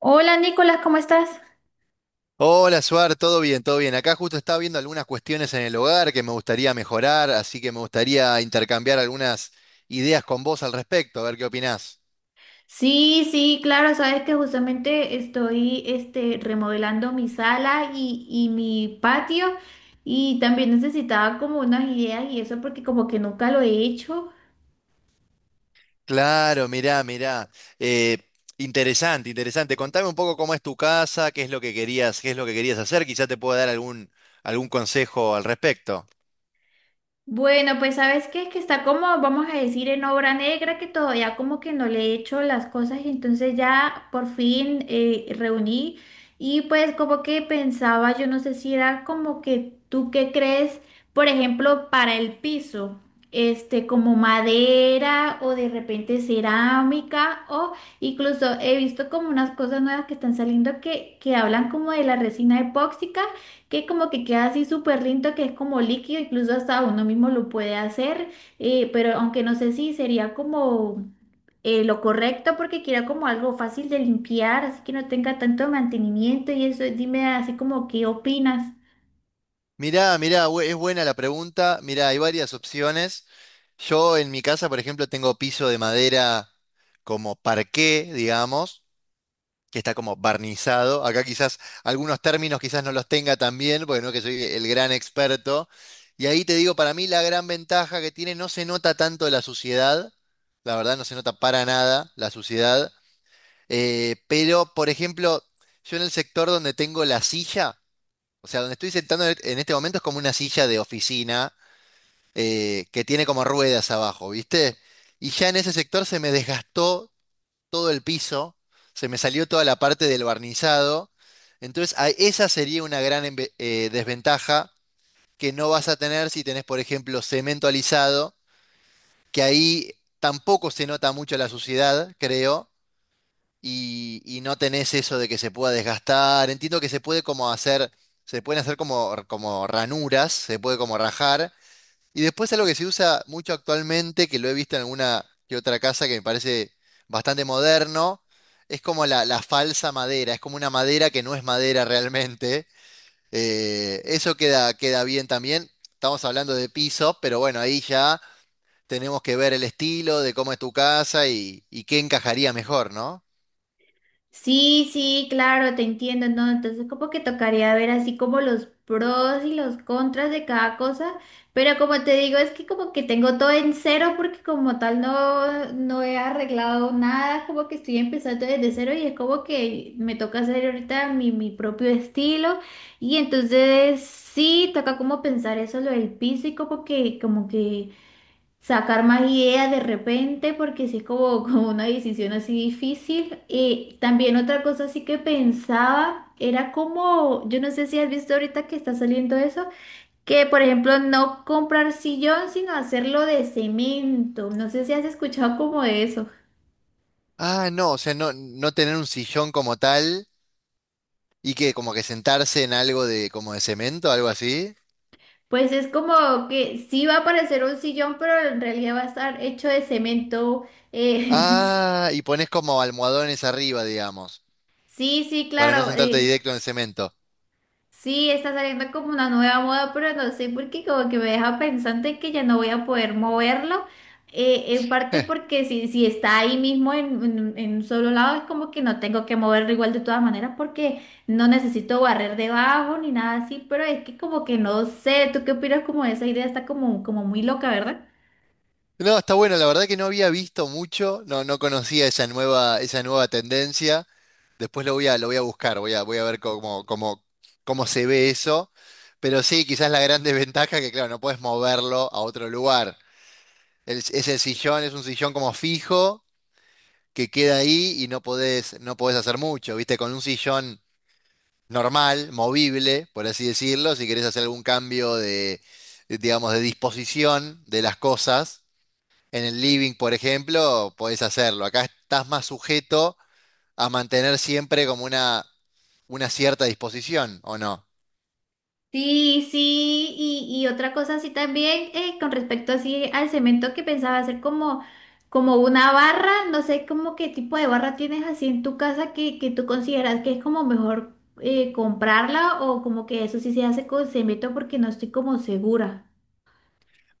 Hola Nicolás, ¿cómo estás? Hola, Suar, todo bien, todo bien. Acá justo estaba viendo algunas cuestiones en el hogar que me gustaría mejorar, así que me gustaría intercambiar algunas ideas con vos al respecto, a ver qué opinás. Sí, sí, claro, sabes que justamente estoy remodelando mi sala y mi patio y también necesitaba como unas ideas y eso porque como que nunca lo he hecho. Claro, mirá, mirá. Eh, Interesante, interesante. Contame un poco cómo es tu casa, qué es lo que querías, qué es lo que querías hacer, quizá te pueda dar algún consejo al respecto. Bueno, pues sabes qué es que está como, vamos a decir, en obra negra, que todavía como que no le he hecho las cosas y entonces ya por fin reuní y pues como que pensaba, yo no sé si era como que tú qué crees, por ejemplo, para el piso, como madera o de repente cerámica o incluso he visto como unas cosas nuevas que están saliendo que hablan como de la resina epóxica que como que queda así súper lindo, que es como líquido, incluso hasta uno mismo lo puede hacer, pero aunque no sé si sería como lo correcto porque quiera como algo fácil de limpiar, así que no tenga tanto mantenimiento y eso. Dime así como qué opinas. Mirá, mirá, es buena la pregunta. Mirá, hay varias opciones. Yo en mi casa, por ejemplo, tengo piso de madera como parqué, digamos, que está como barnizado. Acá quizás algunos términos quizás no los tenga tan bien, porque no que soy el gran experto. Y ahí te digo, para mí la gran ventaja que tiene, no se nota tanto la suciedad, la verdad no se nota para nada la suciedad. Pero por ejemplo, yo en el sector donde tengo la silla, o sea, donde estoy sentando en este momento es como una silla de oficina que tiene como ruedas abajo, ¿viste? Y ya en ese sector se me desgastó todo el piso, se me salió toda la parte del barnizado. Entonces, esa sería una gran desventaja que no vas a tener si tenés, por ejemplo, cemento alisado, que ahí tampoco se nota mucho la suciedad, creo, y no tenés eso de que se pueda desgastar. Entiendo que se puede como hacer, se pueden hacer como ranuras, se puede como rajar, y después algo que se usa mucho actualmente, que lo he visto en alguna que otra casa, que me parece bastante moderno, es como la falsa madera, es como una madera que no es madera realmente. Eso queda, queda bien también. Estamos hablando de piso, pero bueno, ahí ya tenemos que ver el estilo de cómo es tu casa y qué encajaría mejor, ¿no? Sí, sí, claro, te entiendo, ¿no? Entonces como que tocaría ver así como los pros y los contras de cada cosa, pero como te digo, es que como que tengo todo en cero porque como tal no, no he arreglado nada, como que estoy empezando desde cero y es como que me toca hacer ahorita mi propio estilo y entonces sí, toca como pensar eso, lo del piso y como que sacar más ideas de repente, porque sí es como, como una decisión así difícil. Y también otra cosa así que pensaba era como, yo no sé si has visto ahorita que está saliendo eso, que por ejemplo no comprar sillón, sino hacerlo de cemento. No sé si has escuchado como de eso. Ah, no, o sea, no, no tener un sillón como tal y que como que sentarse en algo de como de cemento, algo así. Pues es como que sí va a parecer un sillón, pero en realidad va a estar hecho de cemento. eh, Ah, y pones como almohadones arriba, digamos, Sí, sí, para no claro. sentarte directo en el cemento. Sí, está saliendo como una nueva moda, pero no sé por qué como que me deja pensante que ya no voy a poder moverlo. En parte porque si está ahí mismo en un solo lado, es como que no tengo que moverlo igual de todas maneras porque no necesito barrer debajo ni nada así, pero es que como que no sé, ¿tú qué opinas como de esa idea? Está como, como muy loca, ¿verdad? No, está bueno, la verdad que no había visto mucho, no, no conocía esa nueva tendencia. Después lo voy a buscar, voy a ver cómo se ve eso. Pero sí, quizás la gran desventaja que, claro, no puedes moverlo a otro lugar. Es el sillón, es un sillón como fijo, que queda ahí y no podés hacer mucho, ¿viste? Con un sillón normal, movible, por así decirlo, si querés hacer algún cambio de, digamos, de disposición de las cosas. En el living, por ejemplo, podés hacerlo. Acá estás más sujeto a mantener siempre como una cierta disposición, ¿o no? Sí, sí, y otra cosa así también, con respecto así al cemento que pensaba hacer como, como una barra, no sé como qué tipo de barra tienes así en tu casa que tú consideras que es como mejor comprarla o como que eso sí se hace con cemento porque no estoy como segura.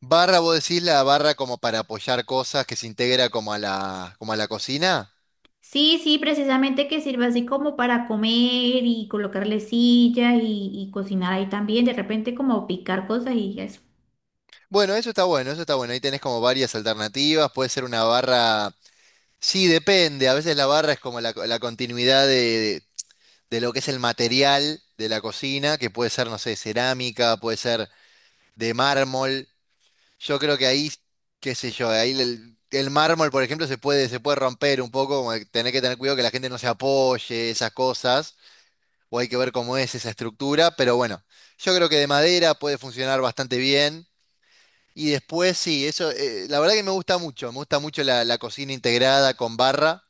Barra, vos decís la barra como para apoyar cosas que se integra como a la cocina. Sí, sí, precisamente que sirva así como para comer y colocarle sillas y cocinar ahí también, de repente como picar cosas y eso. Bueno, eso está bueno, eso está bueno. Ahí tenés como varias alternativas. Puede ser una barra. Sí, depende. A veces la barra es como la continuidad de, lo que es el material de la cocina, que puede ser, no sé, cerámica, puede ser de mármol. Yo creo que ahí, qué sé yo, ahí el mármol, por ejemplo, se puede romper un poco, como que tener cuidado que la gente no se apoye, esas cosas, o hay que ver cómo es esa estructura, pero bueno, yo creo que de madera puede funcionar bastante bien. Y después sí, eso, la verdad que me gusta mucho la cocina integrada con barra.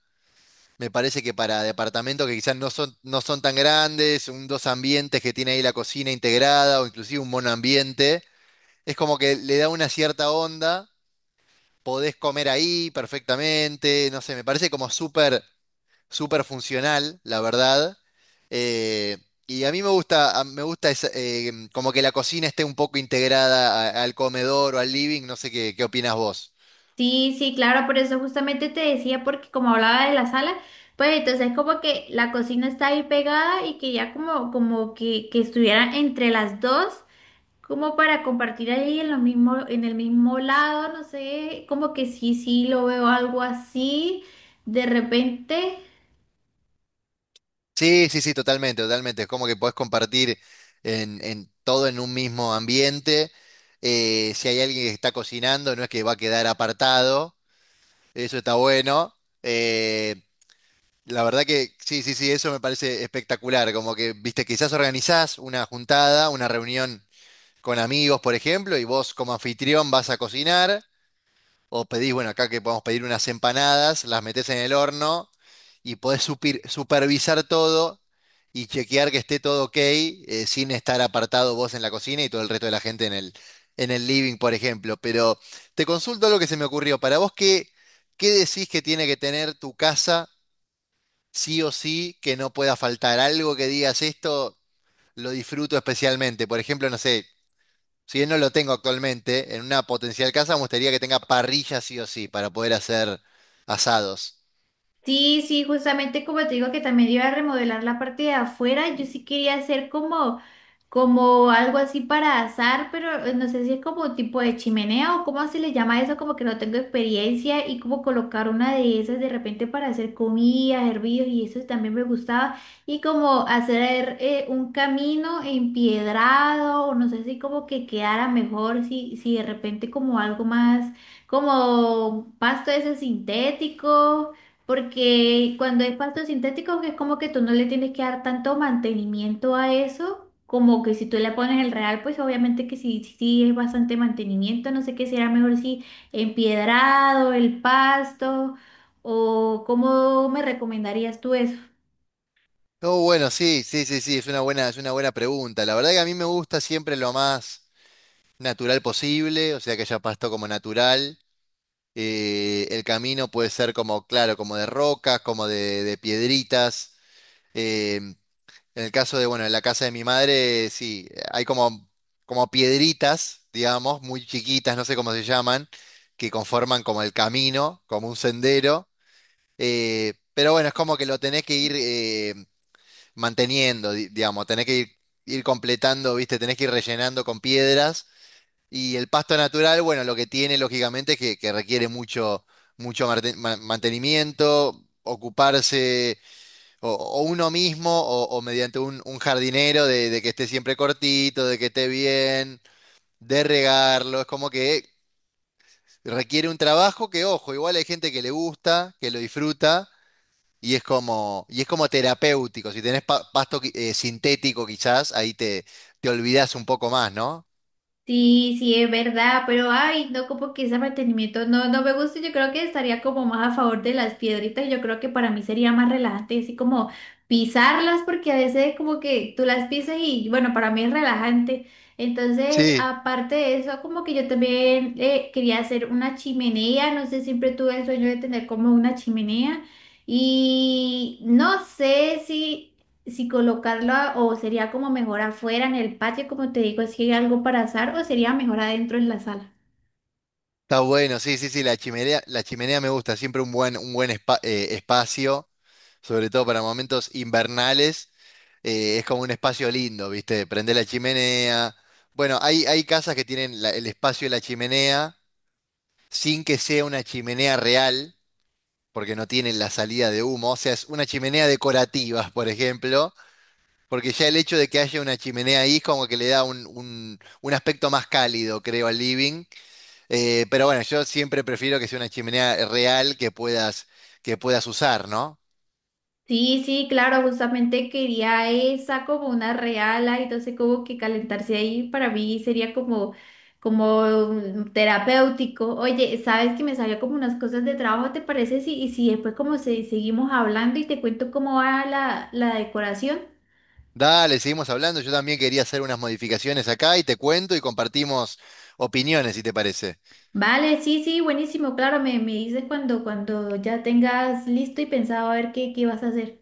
Me parece que para departamentos que quizás no son, no son tan grandes, un dos ambientes que tiene ahí la cocina integrada, o inclusive un monoambiente, es como que le da una cierta onda, podés comer ahí perfectamente, no sé, me parece como súper, súper funcional, la verdad. Eh, y a mí me gusta, me gusta como que la cocina esté un poco integrada al comedor o al living, no sé qué opinas vos. Sí, sí, claro, por eso justamente te decía, porque como hablaba de la sala, pues entonces como que la cocina está ahí pegada y que ya como, como que estuviera entre las dos, como para compartir ahí en lo mismo, en el mismo lado, no sé, como que sí, sí, lo veo algo así de repente. Sí, sí, sí, totalmente, totalmente. Es como que podés compartir en, todo en un mismo ambiente. Si hay alguien que está cocinando, no es que va a quedar apartado. Eso está bueno. Eh, la verdad que sí, sí, sí, eso me parece espectacular. Como que, viste, quizás organizás una juntada, una reunión con amigos, por ejemplo, y vos como anfitrión vas a cocinar. O pedís, bueno, acá que podemos pedir unas empanadas, las metés en el horno y podés supervisar todo y chequear que esté todo ok, sin estar apartado vos en la cocina y todo el resto de la gente en el living, por ejemplo. Pero te consulto lo que se me ocurrió. Para vos, ¿qué, decís que tiene que tener tu casa sí o sí que no pueda faltar? Algo que digas esto lo disfruto especialmente. Por ejemplo, no sé si bien no lo tengo actualmente, en una potencial casa me gustaría que tenga parrilla sí o sí para poder hacer asados. Sí, sí, justamente como te digo que también iba a remodelar la parte de afuera, yo sí quería hacer como, como algo así para asar, pero no sé si es como tipo de chimenea o cómo se le llama eso, como que no tengo experiencia y como colocar una de esas de repente para hacer comida, hervidos y eso también me gustaba y como hacer un camino empiedrado o no sé si como que quedara mejor si de repente como algo más como pasto ese sintético. Porque cuando es pasto sintético es como que tú no le tienes que dar tanto mantenimiento a eso, como que si tú le pones el real, pues obviamente que sí, sí sí es bastante mantenimiento, no sé qué será mejor si empiedrado, el pasto, o cómo me recomendarías tú eso. Oh, bueno, sí, sí, sí, sí, es una buena pregunta. La verdad que a mí me gusta siempre lo más natural posible, o sea que haya pasto como natural. El camino puede ser como, claro, como de rocas, como de, piedritas. eh, En el caso de, bueno, en la casa de mi madre, sí, hay como, piedritas, digamos, muy chiquitas, no sé cómo se llaman, que conforman como el camino, como un sendero. Pero bueno, es como que lo tenés que ir manteniendo, digamos, tenés que ir, completando, ¿viste? Tenés que ir rellenando con piedras. Y el pasto natural, bueno, lo que tiene, lógicamente, es que requiere mucho, mucho mantenimiento, ocuparse o uno mismo, o mediante un jardinero de, que esté siempre cortito, de que esté bien, de regarlo. Es como que requiere un trabajo que, ojo, igual hay gente que le gusta, que lo disfruta, y es como, terapéutico. Si tenés pasto sintético, quizás, ahí te olvidás un poco más, ¿no? Sí, sí, es verdad, pero ay, no, como que ese mantenimiento no, no me gusta, yo creo que estaría como más a favor de las piedritas, yo creo que para mí sería más relajante, así como pisarlas, porque a veces como que tú las pisas y bueno, para mí es relajante. Entonces, Sí, aparte de eso, como que yo también quería hacer una chimenea, no sé, siempre tuve el sueño de tener como una chimenea y no sé si colocarlo a- o sería como mejor afuera en el patio, como te digo, si hay algo para asar o sería mejor adentro en la sala. está bueno, sí, sí, sí, la chimenea me gusta, siempre un buen espacio, sobre todo para momentos invernales. Es como un espacio lindo, ¿viste? Prende la chimenea. Bueno, hay casas que tienen el espacio de la chimenea sin que sea una chimenea real, porque no tienen la salida de humo. O sea, es una chimenea decorativa, por ejemplo, porque ya el hecho de que haya una chimenea ahí es como que le da un, un aspecto más cálido, creo, al living. Pero bueno, yo siempre prefiero que sea una chimenea real que puedas, usar, ¿no? Sí, sí, claro, justamente quería esa como una reala y entonces como que calentarse ahí para mí sería como como terapéutico. Oye, sabes que me salió como unas cosas de trabajo, ¿te parece? Si, y si después como se, seguimos hablando y te cuento cómo va la decoración. Dale, seguimos hablando. Yo también quería hacer unas modificaciones acá y te cuento y compartimos opiniones, si te parece. Vale, sí, sí, buenísimo, claro, me dices cuando ya tengas listo y pensado a ver qué, qué vas a hacer.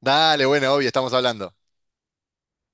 Dale, bueno, obvio, estamos hablando.